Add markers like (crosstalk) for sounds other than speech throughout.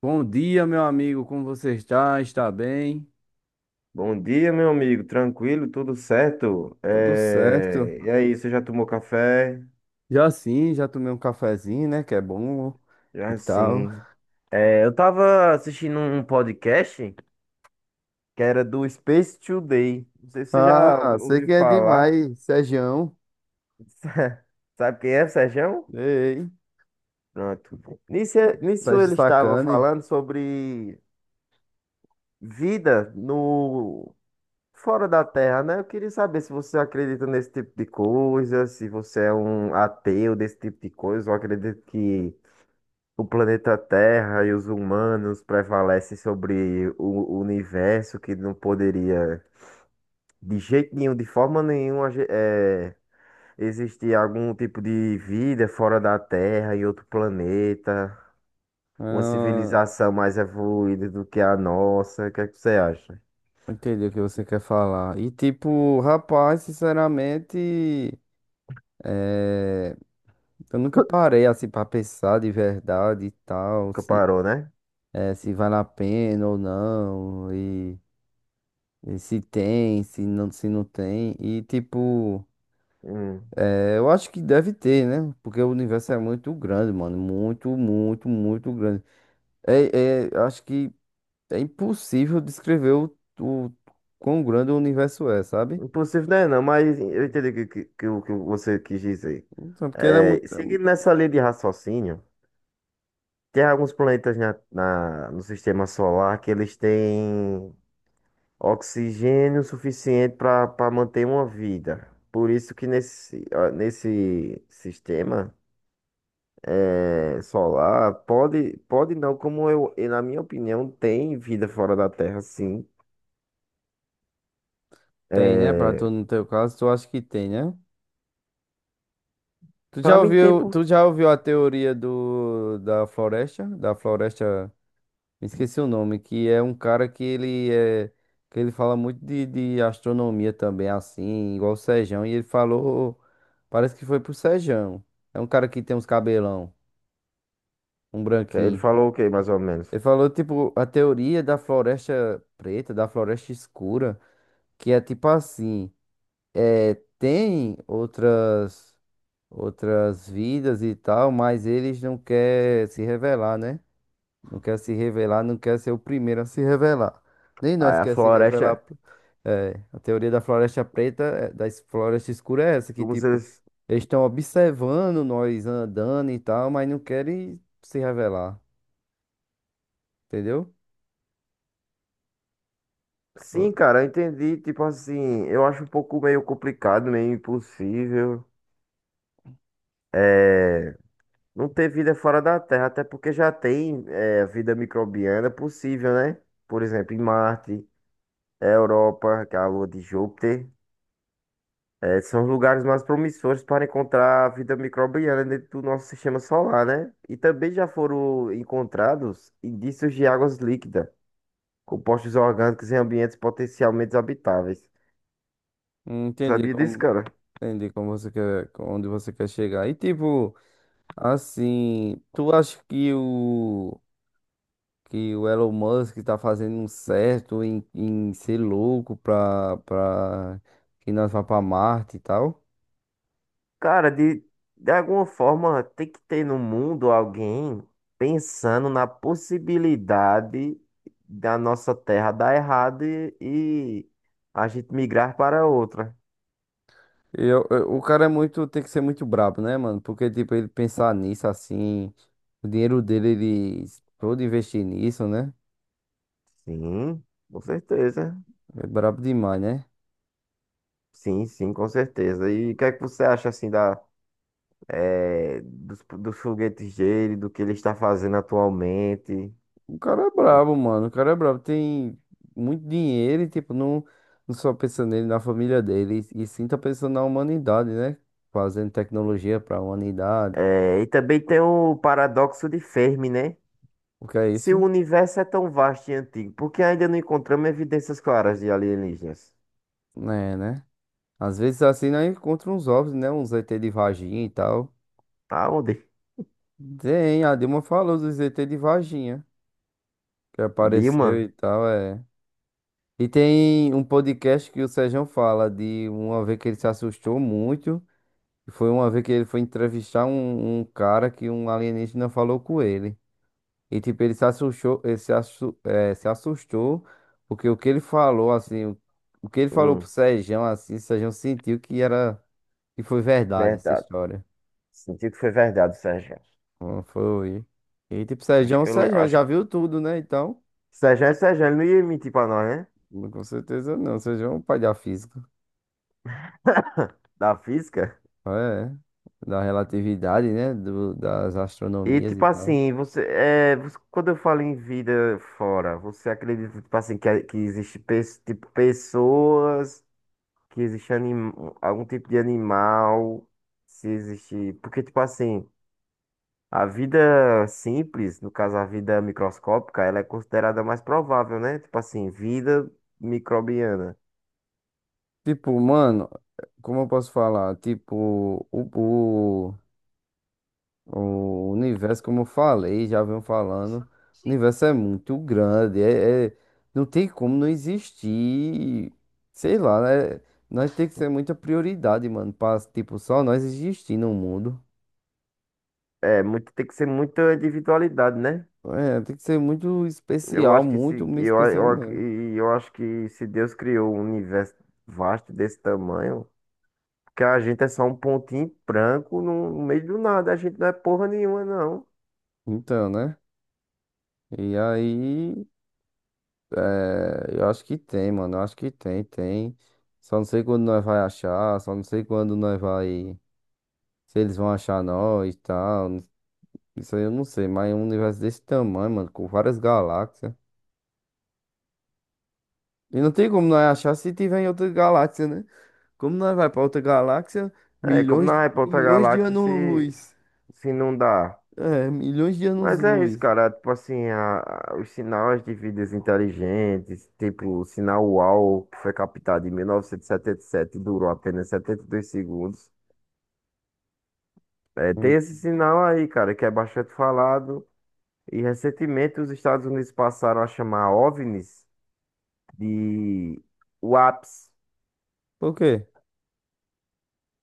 Bom dia, meu amigo. Como você está? Está bem? Bom dia, meu amigo. Tranquilo, tudo certo? Tudo certo. E aí, você já tomou café? Já sim, já tomei um cafezinho, né? Que é bom e Já tal. sim. Eu tava assistindo um podcast que era do Space Today. Não sei se você já Ah, sei ouviu que é falar. demais, Sergião. (laughs) Sabe quem é, Serjão? Ei, Pronto. Nisso, tá nisso de ele estava sacane. falando sobre vida no fora da Terra, né? Eu queria saber se você acredita nesse tipo de coisa, se você é um ateu desse tipo de coisa, ou acredita que o planeta Terra e os humanos prevalecem sobre o universo que não poderia, de jeito nenhum, de forma nenhuma, existir algum tipo de vida fora da Terra, em outro planeta, uma Ah, civilização mais evoluída do que a nossa. O que é que você acha? entendi o que você quer falar. E tipo, rapaz, sinceramente, é, eu nunca parei assim pra pensar de verdade e tal, Nunca se, parou, né? é, se vale a pena ou não. E se tem, se não, se não tem. E tipo, Hum. Eu acho que deve ter, né? Porque o universo é muito grande, mano. Muito, muito, muito grande. Acho que é impossível descrever o quão grande o universo é, sabe? Impossível, né? Não, mas eu entendi o o que você quis dizer. Então, porque ele é muito. é Seguindo nessa linha de raciocínio. Tem alguns planetas no sistema solar que eles têm oxigênio suficiente para manter uma vida. Por isso que nesse, ah, nesse sistema solar pode não, como eu, e na minha opinião, tem vida fora da Terra, sim. Tem, né? Pra É, tu, no teu caso, tu acha que tem, né? Tu já para mim tem ouviu, tu porque. já ouviu a teoria do, da floresta? Da floresta. Me esqueci o nome, que é um cara que ele é, que ele fala muito de astronomia também, assim, igual o Sejão, e ele falou, parece que foi pro Sejão. É um cara que tem uns cabelão, um Ele branquinho. falou o quê, mais ou menos? Ele falou, tipo, a teoria da floresta preta, da floresta escura, que é tipo assim, é, tem outras, outras vidas e tal, mas eles não querem se revelar, né? Não quer se revelar, não quer ser o primeiro a se revelar. Nem Aí nós a quer se revelar. floresta, É, a teoria da floresta preta, é, da floresta escura é essa, que como se tipo, eles. eles estão observando nós andando e tal, mas não querem se revelar, entendeu? Sim, Eu- cara, eu entendi. Tipo assim, eu acho um pouco meio complicado, meio impossível. É, não ter vida fora da Terra, até porque já tem é, vida microbiana possível, né? Por exemplo, em Marte, é, Europa, que é a lua de Júpiter, é, são os lugares mais promissores para encontrar vida microbiana dentro do nosso sistema solar, né? E também já foram encontrados indícios de águas líquidas, compostos orgânicos em ambientes potencialmente habitáveis. Entendi Sabia disso, como, cara? entendi como você quer, onde você quer chegar. E tipo, assim, tu acha que o Elon Musk tá fazendo um certo em, em ser louco pra, pra que nós vá pra Marte e tal. Cara, de alguma forma tem que ter no mundo alguém pensando na possibilidade da nossa terra dar errado e a gente migrar para outra. O cara é muito, tem que ser muito brabo, né, mano? Porque, tipo, ele pensar nisso assim, o dinheiro dele, ele todo investir nisso, né? Sim, com certeza. É brabo demais, né? Sim, sim, com certeza. E o que é que você acha assim da, dos foguetes dele, do que ele está fazendo atualmente? O cara é brabo, mano. O cara é brabo. Tem muito dinheiro e, tipo, não, não só pensa nele, na família dele, e sim tá pensando na humanidade, né? Fazendo tecnologia pra humanidade. E também tem o paradoxo de Fermi, né? O que é Se o isso? universo é tão vasto e antigo, por que ainda não encontramos evidências claras de alienígenas? É, né? Às vezes assim nós encontramos uns ovos, né? Uns ET de vaginha e tal. Tá onde? Tem, a Dilma falou dos ET de vaginha, que apareceu Dilma? e tal, é. E tem um podcast que o Sérgio fala de uma vez que ele se assustou muito. Foi uma vez que ele foi entrevistar um cara que um alienígena falou com ele. E tipo, ele se assustou, ele se, assu- é, se assustou, porque o que ele falou, assim, o que ele falou pro Hum, Sérgio, assim, o Sérgio sentiu que era, que foi verdade essa verdade. história. Senti que foi verdade, Sérgio. Bom, foi. E tipo, Sérgio, Sérgio Acho já que. viu tudo, né? Então, Sérgio é Sérgio, ele não ia mentir pra nós, né? com certeza não. Sérgio é um pai da física. Da física. É. Da relatividade, né? Do, das E astronomias tipo e tal. assim, quando eu falo em vida fora, você acredita tipo assim que existe tipo pessoas, que existe algum tipo de animal, se existe, porque tipo assim, a vida simples, no caso a vida microscópica, ela é considerada mais provável, né? Tipo assim, vida microbiana. Tipo, mano, como eu posso falar? Tipo, o, o, o universo, como eu falei, já venho falando, o universo é muito grande. Não tem como não existir. Sei lá, né? Nós tem que ser muita prioridade, mano, pra, tipo, só nós existir no mundo. É, muito, tem que ser muita individualidade, né? É, tem que ser muito Eu especial, acho que muito, se, muito especial mesmo. Eu acho que se Deus criou um universo vasto desse tamanho, que a gente é só um pontinho branco no meio do nada, a gente não é porra nenhuma, não. Então, né? E aí, eu acho que tem, mano. Eu acho que tem, tem. Só não sei quando nós vai achar, só não sei quando nós vai. Se eles vão achar nós e tal. Isso aí eu não sei, mas é um universo desse tamanho, mano, com várias galáxias. E não tem como nós achar se tiver em outra galáxia, né? Como nós vai pra outra galáxia, É, como milhões, na outra milhões de galáxia se, anos-luz. se não dá. É, milhões de Mas é isso, anos-luz. cara. Tipo assim, os sinais de vidas inteligentes, tipo o sinal UAU, que foi captado em 1977 e 77 e durou apenas 72 segundos. É, tem esse Hum. sinal aí, cara, que é bastante falado. E recentemente os Estados Unidos passaram a chamar OVNIs de UAPs, Por quê?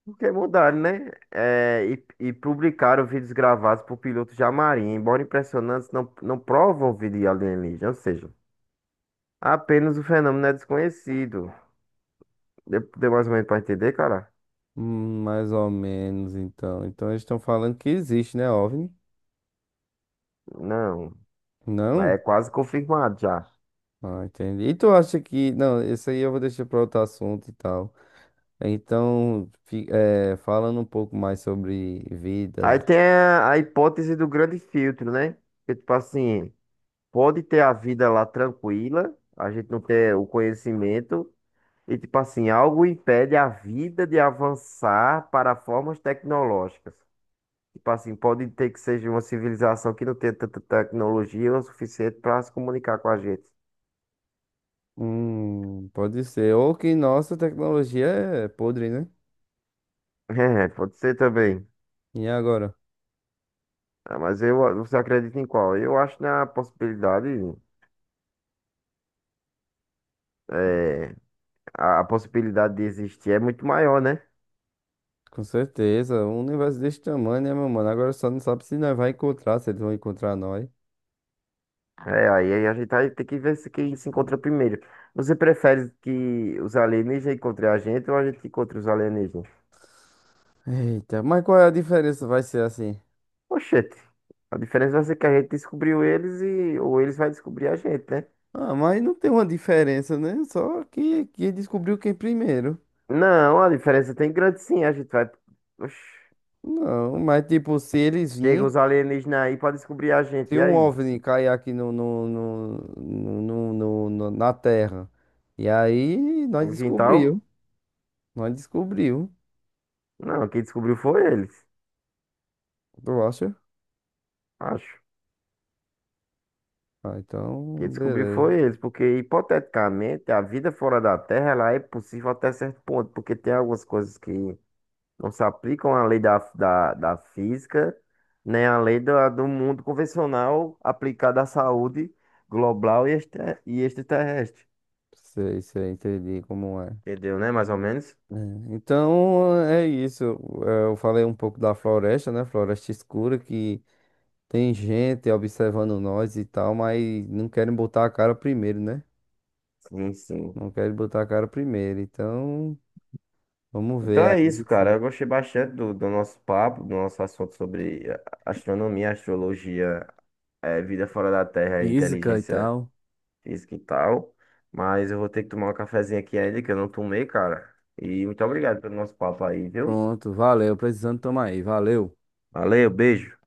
porque mudaram, né? E publicaram vídeos gravados por pilotos de marinha, embora impressionantes, não, não provam vídeo alienígena, ou seja. Apenas o fenômeno é desconhecido. Deu mais ou menos pra entender, cara? Mais ou menos, então. Então eles estão falando que existe, né, OVNI? Não, mas é Não? quase confirmado já. Ah, entendi. E tu acha que... Não, isso aí eu vou deixar para outro assunto e tal. Então, falando um pouco mais sobre Aí vidas. tem a hipótese do grande filtro, né? Que tipo assim, pode ter a vida lá tranquila, a gente não ter o conhecimento, e tipo assim, algo impede a vida de avançar para formas tecnológicas. Tipo assim, pode ter que seja uma civilização que não tenha tanta tecnologia o suficiente para se comunicar com a gente. Pode ser. Ou que nossa tecnologia é podre, né? (laughs) É, pode ser também. E agora? Ah, mas eu, você acredita em qual? Eu acho na possibilidade, é, a possibilidade de existir é muito maior, né? Com certeza. Um universo desse tamanho, né, meu mano? Agora só não sabe se nós vai encontrar, se eles vão encontrar nós. É, aí a gente vai ter que ver se quem se encontra primeiro. Você prefere que os alienígenas encontrem a gente ou a gente encontre os alienígenas? Eita, mas qual é a diferença? Vai ser assim. Oxente, a diferença vai ser que a gente descobriu eles e ou eles vai descobrir a gente, né? Ah, mas não tem uma diferença, né? Só que descobriu quem primeiro. Não, a diferença tem grande sim, a gente vai. Oxi, Não, mas tipo, se eles chega virem, os alienígenas aí pra descobrir a gente, se e um aí? OVNI cair aqui na Terra, e aí No quintal? Nós descobriu, Não, quem descobriu foi eles, tu acha? acho. Ah, Quem então, descobriu beleza. foi eles, porque hipoteticamente a vida fora da Terra ela é possível até certo ponto, porque tem algumas coisas que não se aplicam à lei da física, nem à lei da, do mundo convencional aplicada à saúde global e extraterrestre. Sei, sei, entendi como é. Entendeu, né? Mais ou menos? É, então, é isso. É, eu falei um pouco da floresta, né? Floresta escura que tem gente observando nós e tal, mas não querem botar a cara primeiro, né? Sim, sim. Não querem botar a cara primeiro. Então, vamos Então ver é aí isso, cara. se. Eu gostei bastante do, do nosso papo, do nosso assunto sobre astronomia, astrologia, vida fora da Terra, Física e inteligência. tal. Física e tal. Mas eu vou ter que tomar um cafezinho aqui ainda, que eu não tomei, cara. E muito obrigado pelo nosso papo aí, viu? Pronto, valeu. Precisando tomar aí, valeu. Valeu, beijo.